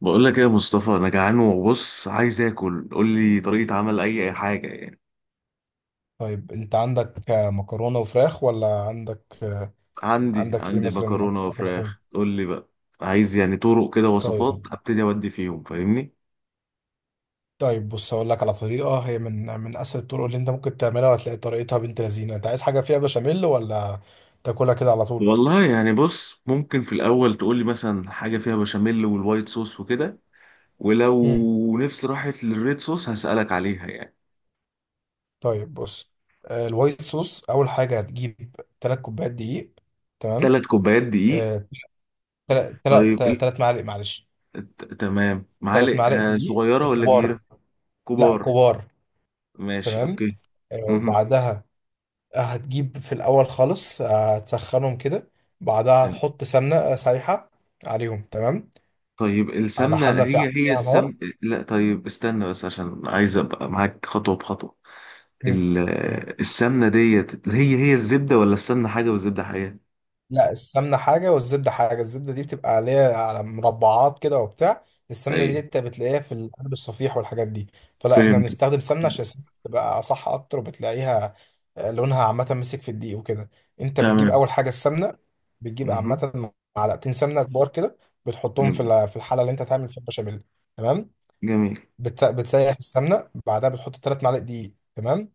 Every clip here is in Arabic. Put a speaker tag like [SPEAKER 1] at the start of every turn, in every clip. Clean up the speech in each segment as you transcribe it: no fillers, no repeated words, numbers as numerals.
[SPEAKER 1] بقول لك ايه يا مصطفى، انا جعان وبص عايز اكل. قول لي طريقة عمل اي حاجة يعني.
[SPEAKER 2] طيب انت عندك مكرونة وفراخ ولا عندك
[SPEAKER 1] عندي
[SPEAKER 2] عندك ايه
[SPEAKER 1] عندي
[SPEAKER 2] مثلا من
[SPEAKER 1] مكرونة
[SPEAKER 2] اصناف اللحوم.
[SPEAKER 1] وفراخ، قول لي بقى. عايز يعني طرق كده وصفات
[SPEAKER 2] طيب.
[SPEAKER 1] ابتدي اودي فيهم، فاهمني.
[SPEAKER 2] طيب بص هقول لك على طريقة، هي من اسهل الطرق اللي انت ممكن تعملها، وهتلاقي طريقتها بنت لذينة. انت عايز حاجة فيها بشاميل، ولا تاكلها كده على طول؟
[SPEAKER 1] والله يعني بص، ممكن في الاول تقول لي مثلا حاجة فيها بشاميل والوايت صوص وكده،
[SPEAKER 2] مم.
[SPEAKER 1] ولو نفسي راحت للريد صوص هسألك عليها يعني.
[SPEAKER 2] طيب بص، الوايت صوص اول حاجة هتجيب 3 كوبايات دقيق. تمام.
[SPEAKER 1] ثلاث كوبايات دقيق.
[SPEAKER 2] 3
[SPEAKER 1] طيب ايه،
[SPEAKER 2] 3 معالق، معلش،
[SPEAKER 1] تمام.
[SPEAKER 2] 3
[SPEAKER 1] معالق
[SPEAKER 2] معالق دقيق
[SPEAKER 1] صغيرة ولا
[SPEAKER 2] كبار.
[SPEAKER 1] كبيرة؟
[SPEAKER 2] لا،
[SPEAKER 1] كبار.
[SPEAKER 2] كبار.
[SPEAKER 1] ماشي،
[SPEAKER 2] تمام.
[SPEAKER 1] اوكي. مهم.
[SPEAKER 2] وبعدها هتجيب في الأول خالص، هتسخنهم كده، بعدها هتحط سمنة سايحة عليهم. تمام،
[SPEAKER 1] طيب،
[SPEAKER 2] على
[SPEAKER 1] السمنة
[SPEAKER 2] حلة في
[SPEAKER 1] هي
[SPEAKER 2] عليها نار.
[SPEAKER 1] السمن؟ لا، طيب استنى بس عشان عايز ابقى معاك خطوة بخطوة.
[SPEAKER 2] مم.
[SPEAKER 1] ال-
[SPEAKER 2] تمام.
[SPEAKER 1] السمنة ديت هي الزبدة، ولا السمنة حاجة والزبدة حاجة؟
[SPEAKER 2] لا، السمنة حاجة والزبدة حاجة. الزبدة دي بتبقى عليها على مربعات كده وبتاع. السمنة دي
[SPEAKER 1] ايوه،
[SPEAKER 2] انت بتلاقيها في القلب الصفيح والحاجات دي. فلا احنا
[SPEAKER 1] فهمت.
[SPEAKER 2] بنستخدم سمنة عشان السمنة تبقى صح أكتر، وبتلاقيها لونها عامة مسك في الدقيق وكده. انت بتجيب
[SPEAKER 1] تمام.
[SPEAKER 2] أول حاجة السمنة، بتجيب
[SPEAKER 1] مهم.
[SPEAKER 2] عامة معلقتين سمنة كبار كده، بتحطهم في
[SPEAKER 1] جميل.
[SPEAKER 2] في الحلة اللي انت هتعمل فيها البشاميل. تمام.
[SPEAKER 1] جميل.
[SPEAKER 2] بتسيح السمنة، بعدها بتحط تلات معالق دقيق. تمام.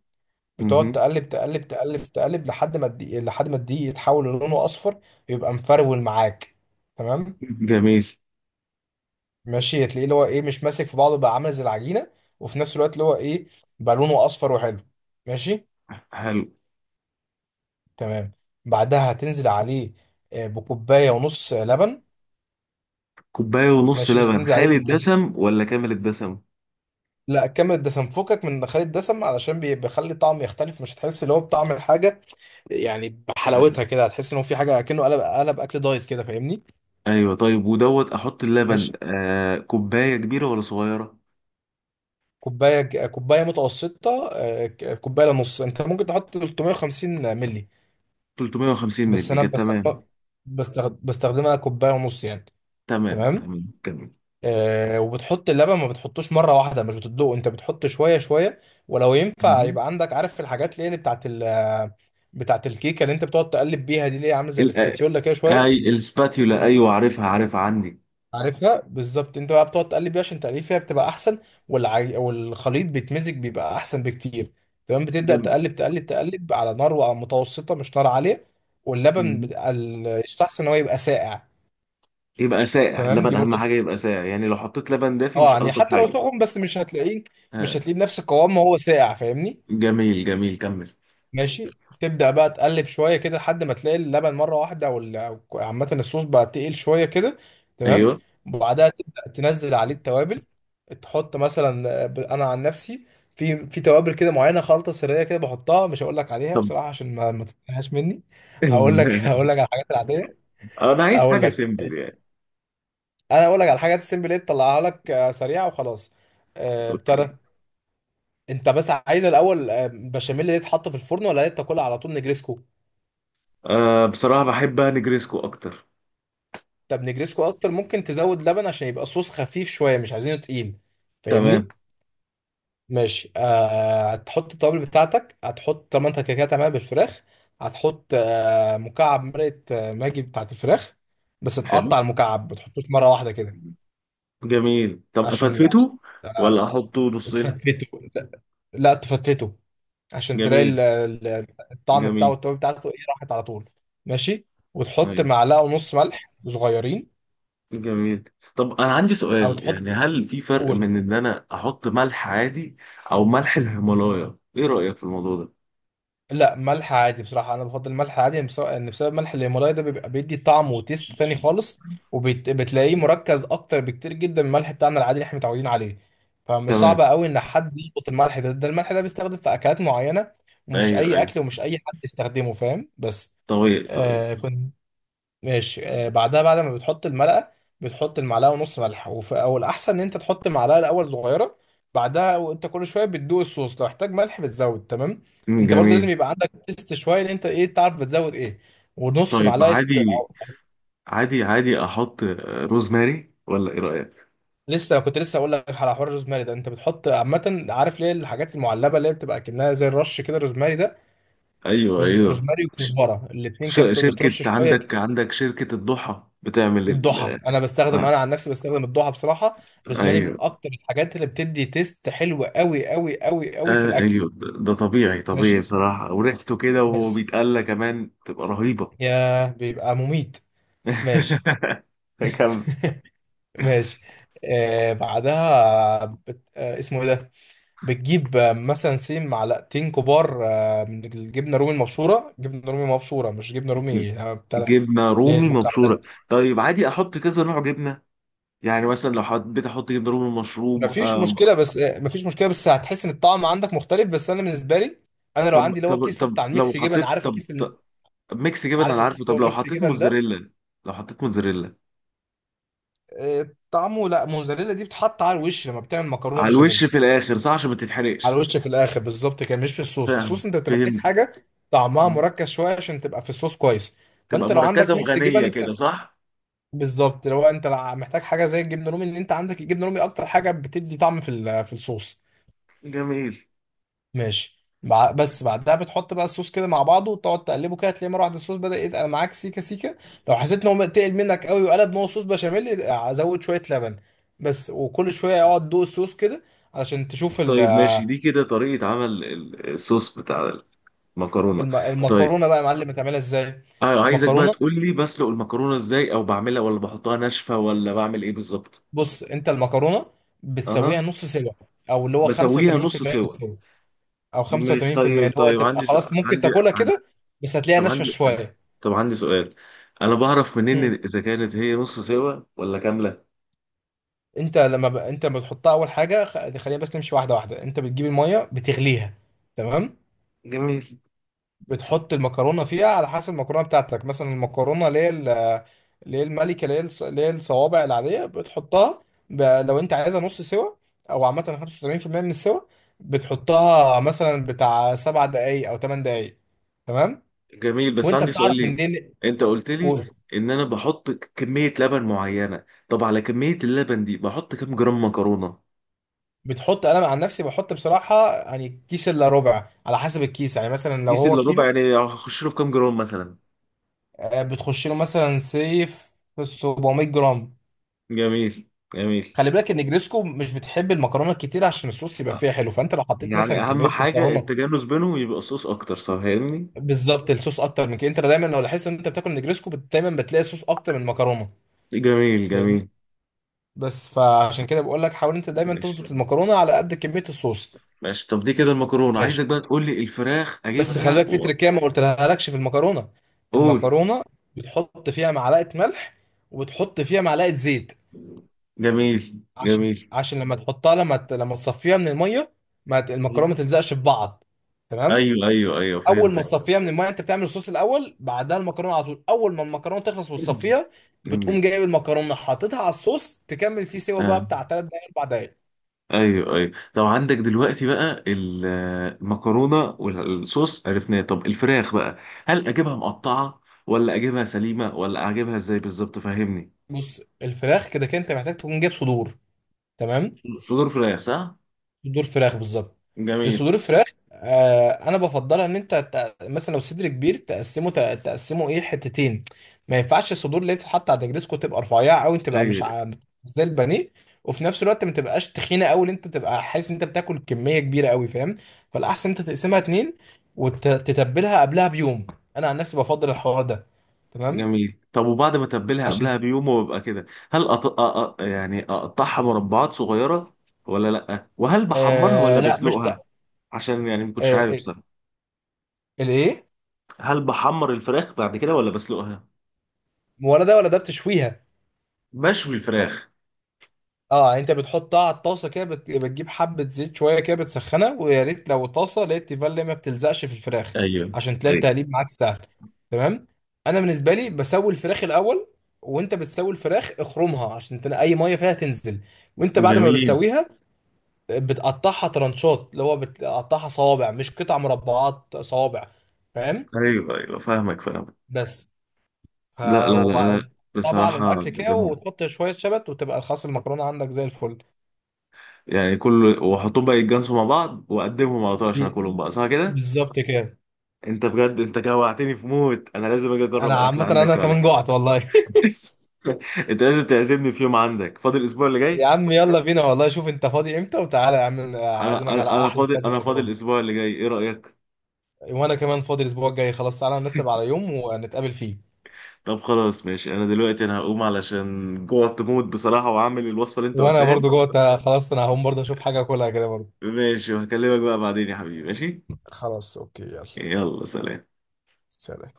[SPEAKER 2] بتقعد
[SPEAKER 1] مهم.
[SPEAKER 2] تقلب تقلب تقلب تقلب لحد ما الدقيق، لحد ما الدقيق يتحول للونه اصفر، يبقى مفرول معاك. تمام.
[SPEAKER 1] جميل.
[SPEAKER 2] ماشي، تلاقيه اللي هو ايه، مش ماسك في بعضه بقى، عامل زي العجينه، وفي نفس الوقت اللي هو ايه، بقى لونه اصفر وحلو. ماشي.
[SPEAKER 1] حلو.
[SPEAKER 2] تمام. بعدها هتنزل عليه بكوبايه ونص لبن.
[SPEAKER 1] كوباية ونص
[SPEAKER 2] ماشي، بس
[SPEAKER 1] لبن
[SPEAKER 2] تنزل عليه
[SPEAKER 1] خالي
[SPEAKER 2] بالتدريج.
[SPEAKER 1] الدسم ولا كامل الدسم؟
[SPEAKER 2] لا، كمل الدسم، فكك من خالي الدسم، علشان بيخلي الطعم يختلف. مش هتحس اللي هو بطعم الحاجه، يعني
[SPEAKER 1] ايوه
[SPEAKER 2] بحلاوتها كده. هتحس ان هو في حاجه، كأنه قلب اكل دايت كده، فاهمني؟
[SPEAKER 1] ايوه. طيب ودوت احط اللبن،
[SPEAKER 2] ماشي.
[SPEAKER 1] كوباية كبيرة ولا صغيرة؟
[SPEAKER 2] كوبايه متوسطه، كوبايه لنص. انت ممكن تحط 350 مللي،
[SPEAKER 1] 350
[SPEAKER 2] بس
[SPEAKER 1] مللي
[SPEAKER 2] انا
[SPEAKER 1] جت. تمام
[SPEAKER 2] بستخدم، بستخدمها كوبايه ونص يعني.
[SPEAKER 1] تمام
[SPEAKER 2] تمام.
[SPEAKER 1] تمام، جميل.
[SPEAKER 2] آه، وبتحط اللبن، ما بتحطوش مره واحده، مش بتدوق، انت بتحط شويه شويه. ولو ينفع
[SPEAKER 1] مهم.
[SPEAKER 2] يبقى عندك، عارف الحاجات اللي هي اللي بتاعت بتاعت الكيكه، اللي انت بتقعد تقلب بيها دي، اللي هي عامله زي
[SPEAKER 1] ال-
[SPEAKER 2] الاسباتيولا كده شويه.
[SPEAKER 1] اي السباتيولا، ايوه عارفها عارفها، عندي.
[SPEAKER 2] عارفها بالظبط. انت بقى بتقعد تقلب بيها عشان تقليب فيها بتبقى احسن. والخليط بيتمزج، بيبقى احسن بكتير. تمام. بتبدا
[SPEAKER 1] جميل.
[SPEAKER 2] تقلب تقلب تقلب على نار متوسطه، مش نار عاليه. واللبن
[SPEAKER 1] مهم.
[SPEAKER 2] يستحسن ان هو يبقى ساقع.
[SPEAKER 1] يبقى ساقع
[SPEAKER 2] تمام،
[SPEAKER 1] اللبن،
[SPEAKER 2] دي
[SPEAKER 1] اهم
[SPEAKER 2] برضه
[SPEAKER 1] حاجه
[SPEAKER 2] تبقى.
[SPEAKER 1] يبقى ساقع، يعني لو حطيت لبن دافي
[SPEAKER 2] اه
[SPEAKER 1] مش
[SPEAKER 2] يعني
[SPEAKER 1] الطف
[SPEAKER 2] حتى لو
[SPEAKER 1] حاجه.
[SPEAKER 2] سخن، بس مش هتلاقيه، مش
[SPEAKER 1] آه.
[SPEAKER 2] هتلاقيه بنفس القوام ما هو ساقع، فاهمني؟
[SPEAKER 1] جميل جميل، كمل.
[SPEAKER 2] ماشي. تبدأ بقى تقلب شوية كده لحد ما تلاقي اللبن مرة واحدة، أو أو عامة الصوص بقى تقيل شوية كده. تمام.
[SPEAKER 1] ايوه.
[SPEAKER 2] وبعدها تبدأ تنزل عليه التوابل. تحط مثلا أنا عن نفسي في توابل كده معينة، خلطة سرية كده بحطها، مش هقول لك عليها
[SPEAKER 1] طب.
[SPEAKER 2] بصراحة عشان ما تتنهاش مني. هقول لك هقول لك على الحاجات العادية.
[SPEAKER 1] انا عايز
[SPEAKER 2] أقول
[SPEAKER 1] حاجه
[SPEAKER 2] لك.
[SPEAKER 1] سيمبل يعني.
[SPEAKER 2] أنا هقول لك على الحاجات السيمبل اللي تطلعها لك سريعة وخلاص. آه، ابتدى.
[SPEAKER 1] اوكي.
[SPEAKER 2] أنت بس عايز الأول بشاميل اللي يتحط في الفرن، ولا تاكلها على طول نجرسكو؟
[SPEAKER 1] آه، بصراحه بحب نجريسكو اكتر.
[SPEAKER 2] طب نجريسكو اكتر، ممكن تزود لبن عشان يبقى صوص خفيف شويه، مش عايزينه تقيل، فاهمني؟
[SPEAKER 1] تمام.
[SPEAKER 2] ماشي. آه، هتحط التوابل بتاعتك، هتحط، طب ما انت كده كده هتعملها بالفراخ، هتحط آه مكعب مرقه ماجي بتاعت الفراخ. بس
[SPEAKER 1] حلو.
[SPEAKER 2] تقطع المكعب، ما تحطوش مره واحده كده.
[SPEAKER 1] جميل. طب
[SPEAKER 2] عشان
[SPEAKER 1] افتفته
[SPEAKER 2] آه،
[SPEAKER 1] ولا احطه نصين؟
[SPEAKER 2] تفتفته. لا. تفتفته، عشان تلاقي
[SPEAKER 1] جميل.
[SPEAKER 2] الطعم بتاعه
[SPEAKER 1] جميل.
[SPEAKER 2] والتوابل بتاعته ايه، راحت على طول. ماشي. وتحط
[SPEAKER 1] أيوة.
[SPEAKER 2] معلقه ونص ملح صغيرين.
[SPEAKER 1] جميل. طب انا عندي
[SPEAKER 2] او
[SPEAKER 1] سؤال
[SPEAKER 2] تحط،
[SPEAKER 1] يعني، هل في فرق
[SPEAKER 2] قول.
[SPEAKER 1] من ان انا احط ملح عادي او ملح الهيمالايا؟ ايه رأيك في الموضوع ده؟
[SPEAKER 2] لا ملح عادي بصراحة، أنا بفضل الملح عادي يعني، لأن بسبب ملح الهيمالايا ده بيبقى بيدي طعم وتيست تاني خالص، وبتلاقيه مركز أكتر بكتير جدا من الملح بتاعنا العادي اللي إحنا متعودين عليه. فمش صعب
[SPEAKER 1] تمام.
[SPEAKER 2] قوي إن حد يظبط الملح ده. الملح ده بيستخدم في أكلات معينة، ومش
[SPEAKER 1] ايوه
[SPEAKER 2] أي
[SPEAKER 1] ايوه.
[SPEAKER 2] أكل، ومش أي حد يستخدمه، فاهم؟ بس
[SPEAKER 1] طيب طيب.
[SPEAKER 2] آه، ماشي. آه، بعدها بعد ما بتحط المرقة، بتحط المعلقة ونص ملح، او الأحسن إن أنت تحط المعلقة الأول صغيرة، بعدها وأنت كل شوية بتدوق الصوص، لو احتاج ملح بتزود. تمام.
[SPEAKER 1] أمم،
[SPEAKER 2] أنت برضه
[SPEAKER 1] جميل.
[SPEAKER 2] لازم يبقى عندك تيست شوية، إن أنت إيه، تعرف بتزود إيه. ونص
[SPEAKER 1] طيب
[SPEAKER 2] معلقة
[SPEAKER 1] عادي،
[SPEAKER 2] أو.
[SPEAKER 1] عادي احط روزماري ولا ايه رأيك؟
[SPEAKER 2] لسه كنت لسه أقول لك على حوار الروزماري ده. أنت بتحط عامة، عارف ليه، الحاجات المعلبة اللي هي بتبقى كأنها زي الرش كده، الروزماري ده،
[SPEAKER 1] ايوه ايوه.
[SPEAKER 2] روزماري
[SPEAKER 1] ش-
[SPEAKER 2] وكزبرة، الاتنين كده
[SPEAKER 1] شركة،
[SPEAKER 2] بترش شوية.
[SPEAKER 1] عندك شركة الضحى بتعمل ال...؟
[SPEAKER 2] الضحى، انا بستخدم،
[SPEAKER 1] آه،
[SPEAKER 2] انا عن نفسي بستخدم الضحى بصراحه. روزماري من
[SPEAKER 1] ايوه.
[SPEAKER 2] اكتر الحاجات اللي بتدي تيست حلو قوي قوي قوي قوي في
[SPEAKER 1] آه،
[SPEAKER 2] الاكل.
[SPEAKER 1] ايوه، ده طبيعي
[SPEAKER 2] ماشي.
[SPEAKER 1] بصراحة، وريحته كده وهو
[SPEAKER 2] بس
[SPEAKER 1] بيتقلى كمان تبقى رهيبة.
[SPEAKER 2] يا، بيبقى مميت. ماشي.
[SPEAKER 1] كم.
[SPEAKER 2] ماشي. آه، بعدها آه، اسمه ايه ده، بتجيب آه، مثلا سين معلقتين كبار آه من الجبنه رومي المبشوره. جبنه رومي مبشوره، مش جبنه رومي بتاع ده،
[SPEAKER 1] جبنه
[SPEAKER 2] اللي هي
[SPEAKER 1] رومي مبشوره.
[SPEAKER 2] المكعبات.
[SPEAKER 1] طيب عادي احط كذا نوع جبنه؟ يعني مثلا لو حبيت احط جبنه رومي، مشروم،
[SPEAKER 2] مفيش
[SPEAKER 1] آم،
[SPEAKER 2] مشكله، بس مفيش مشكله بس هتحس ان الطعم عندك مختلف. بس انا بالنسبه لي، انا لو
[SPEAKER 1] طب
[SPEAKER 2] عندي اللي هو
[SPEAKER 1] طب
[SPEAKER 2] الكيس، اللي هو
[SPEAKER 1] طب
[SPEAKER 2] بتاع
[SPEAKER 1] لو
[SPEAKER 2] الميكس جبن،
[SPEAKER 1] حطيت،
[SPEAKER 2] عارف
[SPEAKER 1] طب,
[SPEAKER 2] الكيس ال.
[SPEAKER 1] طب ميكس جبن
[SPEAKER 2] عارف
[SPEAKER 1] انا
[SPEAKER 2] الكيس
[SPEAKER 1] عارفه.
[SPEAKER 2] اللي
[SPEAKER 1] طب
[SPEAKER 2] هو
[SPEAKER 1] لو
[SPEAKER 2] ميكس
[SPEAKER 1] حطيت
[SPEAKER 2] جبن ده،
[SPEAKER 1] موتزاريلا، لو حطيت موتزاريلا؟
[SPEAKER 2] آه، طعمه. لا موزاريلا دي بتحط على الوش لما بتعمل مكرونه
[SPEAKER 1] على الوش
[SPEAKER 2] بشاميل.
[SPEAKER 1] في الاخر، صح، عشان ما
[SPEAKER 2] على
[SPEAKER 1] تتحرقش.
[SPEAKER 2] الوش في الاخر بالظبط كده، مش في الصوص.
[SPEAKER 1] فاهم،
[SPEAKER 2] الصوص انت بتبقى عايز
[SPEAKER 1] فهمت.
[SPEAKER 2] حاجه طعمها مركز شويه عشان تبقى في الصوص كويس.
[SPEAKER 1] تبقى
[SPEAKER 2] فانت لو
[SPEAKER 1] مركزه
[SPEAKER 2] عندك ميكس
[SPEAKER 1] وغنيه
[SPEAKER 2] جبن،
[SPEAKER 1] كده، صح.
[SPEAKER 2] بالظبط. لو انت محتاج حاجه زي الجبنه الرومي، ان انت عندك الجبنه الرومي اكتر حاجه بتدي طعم في في الصوص.
[SPEAKER 1] جميل.
[SPEAKER 2] ماشي. بس بعدها بتحط بقى الصوص كده مع بعضه، وتقعد تقلبه كده، تلاقي مره واحده الصوص بدأ يتقل معاك سيكه سيكه. لو حسيت ان هو تقل منك قوي وقلب ان هو صوص بشاميل، ازود شويه لبن بس. وكل شويه اقعد دوق الصوص كده، علشان تشوف
[SPEAKER 1] طيب ماشي، دي كده طريقه عمل الصوص بتاع المكرونه. طيب،
[SPEAKER 2] المكرونه بقى يا معلم هتعملها ازاي.
[SPEAKER 1] اه عايزك بقى
[SPEAKER 2] المكرونه،
[SPEAKER 1] تقول لي، بسلق المكرونه ازاي، او بعملها ولا بحطها ناشفه، ولا بعمل ايه بالظبط؟
[SPEAKER 2] بص انت المكرونه بتسويها
[SPEAKER 1] اها.
[SPEAKER 2] نص سوا، او اللي هو
[SPEAKER 1] بسويها نص
[SPEAKER 2] 85% من
[SPEAKER 1] سوا.
[SPEAKER 2] السوا، او
[SPEAKER 1] مش
[SPEAKER 2] 85%
[SPEAKER 1] طيب،
[SPEAKER 2] اللي هو
[SPEAKER 1] طيب،
[SPEAKER 2] تبقى
[SPEAKER 1] عندي س...
[SPEAKER 2] خلاص ممكن
[SPEAKER 1] عندي
[SPEAKER 2] تاكلها
[SPEAKER 1] عن-
[SPEAKER 2] كده، بس هتلاقيها
[SPEAKER 1] طب
[SPEAKER 2] ناشفه
[SPEAKER 1] عندي،
[SPEAKER 2] شويه.
[SPEAKER 1] طب عندي سؤال، انا بعرف منين اذا كانت هي نص سوا ولا كامله؟
[SPEAKER 2] انت لما انت لما بتحطها اول حاجه، خلينا بس نمشي واحده واحده. انت بتجيب الميه بتغليها. تمام.
[SPEAKER 1] جميل
[SPEAKER 2] بتحط المكرونه فيها، على حسب المكرونه بتاعتك. مثلا المكرونه اللي هي اللي هي الملكه، اللي هي اللي هي الصوابع العاديه، بتحطها لو انت عايزها نص سوا، او عامه 75% من السوا، بتحطها مثلا بتاع سبع دقائق او ثمان دقائق. تمام.
[SPEAKER 1] جميل. بس
[SPEAKER 2] وانت
[SPEAKER 1] عندي
[SPEAKER 2] بتعرف
[SPEAKER 1] سؤال ليك،
[SPEAKER 2] منين،
[SPEAKER 1] انت قلت لي
[SPEAKER 2] قول.
[SPEAKER 1] ان انا بحط كميه لبن معينه، طب على كميه اللبن دي بحط كام جرام مكرونه؟
[SPEAKER 2] بتحط، انا عن نفسي بحط بصراحه يعني كيس الا ربع على حسب الكيس، يعني مثلا لو
[SPEAKER 1] كيس
[SPEAKER 2] هو
[SPEAKER 1] الا ربع،
[SPEAKER 2] كيلو،
[SPEAKER 1] يعني اخش له في كام جرام مثلا؟
[SPEAKER 2] بتخش له مثلا سيف 700 جرام.
[SPEAKER 1] جميل جميل.
[SPEAKER 2] خلي بالك ان جريسكو مش بتحب المكرونه الكتير، عشان الصوص يبقى فيها حلو. فانت لو حطيت مثلا
[SPEAKER 1] يعني اهم
[SPEAKER 2] كميه
[SPEAKER 1] حاجة
[SPEAKER 2] مكرونه،
[SPEAKER 1] التجانس بينهم، يبقى صوص اكتر، صح فاهمني؟
[SPEAKER 2] بالظبط الصوص اكتر من كده. انت دايما لو لاحظت ان انت بتاكل نجريسكو دايما بتلاقي صوص اكتر من المكرونه،
[SPEAKER 1] جميل
[SPEAKER 2] فاهمني؟
[SPEAKER 1] جميل.
[SPEAKER 2] بس فعشان كده بقول لك حاول انت دايما
[SPEAKER 1] ماشي
[SPEAKER 2] تظبط المكرونه على قد كميه الصوص.
[SPEAKER 1] ماشي. طب دي كده المكرونة،
[SPEAKER 2] ماشي.
[SPEAKER 1] عايزك بقى تقول لي الفراخ،
[SPEAKER 2] بس خلي
[SPEAKER 1] اجيبها
[SPEAKER 2] بالك في
[SPEAKER 1] و...؟
[SPEAKER 2] تركيه ما قلتلهالكش في المكرونه.
[SPEAKER 1] قول.
[SPEAKER 2] المكرونه بتحط فيها معلقه ملح، وبتحط فيها معلقه زيت،
[SPEAKER 1] جميل
[SPEAKER 2] عشان
[SPEAKER 1] جميل.
[SPEAKER 2] عشان لما تحطها، لما تصفيها من الميه، ما ت... المكرونه ما تلزقش في بعض. تمام.
[SPEAKER 1] ايوه ايوه ايوه،
[SPEAKER 2] اول ما
[SPEAKER 1] فهمتك.
[SPEAKER 2] تصفيها من الميه، انت بتعمل الصوص الاول، بعدها المكرونه على طول. اول ما المكرونه تخلص وتصفيها، بتقوم
[SPEAKER 1] انجز.
[SPEAKER 2] جايب المكرونه حاططها على الصوص، تكمل فيه سوا بقى
[SPEAKER 1] آه.
[SPEAKER 2] بتاع 3 دقايق 4 دقايق.
[SPEAKER 1] ايوه ايوه. طب عندك دلوقتي بقى المكرونه والصوص عرفناه، طب الفراخ بقى، هل اجيبها مقطعه ولا اجيبها سليمه، ولا اجيبها ازاي بالظبط؟ فهمني.
[SPEAKER 2] بص الفراخ كده كده انت محتاج تكون جايب صدور. تمام،
[SPEAKER 1] صدور فراخ، صح؟
[SPEAKER 2] صدور فراخ بالظبط.
[SPEAKER 1] جميل.
[SPEAKER 2] الصدور الفراخ، آه انا بفضلها ان انت مثلا لو صدر كبير تقسمه، تقسمه ايه، حتتين. ما ينفعش الصدور اللي بتتحط على النجريسكو تبقى رفيعه قوي، تبقى مش
[SPEAKER 1] اي.
[SPEAKER 2] ع- زي البانيه، وفي نفس الوقت ما تبقاش تخينه قوي، اللي انت تبقى حاسس ان انت بتاكل كميه كبيره قوي، فاهم؟ فالاحسن انت تقسمها
[SPEAKER 1] أي.
[SPEAKER 2] اتنين، وتتبلها قبلها بيوم. انا عن نفسي بفضل الحوار ده. تمام.
[SPEAKER 1] جميل. طب وبعد ما اتبلها قبلها
[SPEAKER 2] عشان
[SPEAKER 1] بيوم وببقى كده، هل يعني اقطعها مربعات صغيره ولا لا؟ وهل بحمرها ولا
[SPEAKER 2] آه، لا مش
[SPEAKER 1] بسلقها؟
[SPEAKER 2] آه،
[SPEAKER 1] عشان يعني ما كنتش عارف
[SPEAKER 2] آه،
[SPEAKER 1] بصراحه،
[SPEAKER 2] الايه.
[SPEAKER 1] هل بحمر الفراخ بعد كده ولا بسلقها؟
[SPEAKER 2] ولا ده ولا ده، بتشويها.
[SPEAKER 1] بشوي الفراخ.
[SPEAKER 2] اه يعني انت بتحطها على الطاسه كده، بتجيب حبه زيت شويه كده، بتسخنها، ويا ريت لو طاسه لقيت تيفال ما بتلزقش في الفراخ،
[SPEAKER 1] ايوه.
[SPEAKER 2] عشان تلاقي
[SPEAKER 1] ايوه.
[SPEAKER 2] التقليب معاك سهل. تمام. انا بالنسبه لي بسوي الفراخ الاول. وانت بتسوي الفراخ اخرمها، عشان تلاقي اي ميه فيها تنزل. وانت بعد ما
[SPEAKER 1] جميل.
[SPEAKER 2] بتسويها بتقطعها ترانشات، اللي هو بتقطعها صوابع، مش قطع مربعات، صوابع، فاهم؟
[SPEAKER 1] ايوه ايوه، فاهمك فاهمك.
[SPEAKER 2] بس ف،
[SPEAKER 1] لا لا لا. لا.
[SPEAKER 2] وبعد، طبعا على
[SPEAKER 1] بصراحه
[SPEAKER 2] الاكل كده
[SPEAKER 1] جامده.
[SPEAKER 2] وتحط شويه شبت، وتبقى الخاص المكرونه عندك زي الفل.
[SPEAKER 1] يعني كل واحطهم بقى يتجانسوا مع بعض، واقدمهم على طول، عشان
[SPEAKER 2] دي-
[SPEAKER 1] اكلهم بقى صح كده.
[SPEAKER 2] بالظبط كده.
[SPEAKER 1] انت بجد انت جوعتني في موت، انا لازم اجي اجرب
[SPEAKER 2] انا
[SPEAKER 1] اكل
[SPEAKER 2] عامة
[SPEAKER 1] عندك
[SPEAKER 2] انا
[SPEAKER 1] بعد
[SPEAKER 2] كمان
[SPEAKER 1] كده.
[SPEAKER 2] جوعت والله.
[SPEAKER 1] انت لازم تعزمني في يوم، عندك فاضل الاسبوع اللي
[SPEAKER 2] يا
[SPEAKER 1] جاي؟
[SPEAKER 2] عم يلا بينا والله، شوف انت فاضي امتى وتعالى يا عم،
[SPEAKER 1] انا
[SPEAKER 2] اعزمك على
[SPEAKER 1] انا انا
[SPEAKER 2] احلى
[SPEAKER 1] فاضل
[SPEAKER 2] طاجن
[SPEAKER 1] انا فاضل
[SPEAKER 2] مكرونة.
[SPEAKER 1] الاسبوع اللي جاي، ايه رايك؟
[SPEAKER 2] وانا كمان فاضي الاسبوع الجاي، خلاص تعالى نرتب على يوم ونتقابل فيه.
[SPEAKER 1] طب خلاص ماشي، انا دلوقتي انا هقوم علشان جوعت موت بصراحه، وعامل الوصفه اللي انت
[SPEAKER 2] وانا
[SPEAKER 1] قلتها لي.
[SPEAKER 2] برضو جوعت، خلاص انا هقوم برضو اشوف حاجة اكلها كده برضو.
[SPEAKER 1] ماشي، وهكلمك بقى بعدين يا حبيبي. ماشي،
[SPEAKER 2] خلاص، اوكي، يلا.
[SPEAKER 1] يلا، سلام.
[SPEAKER 2] سلام.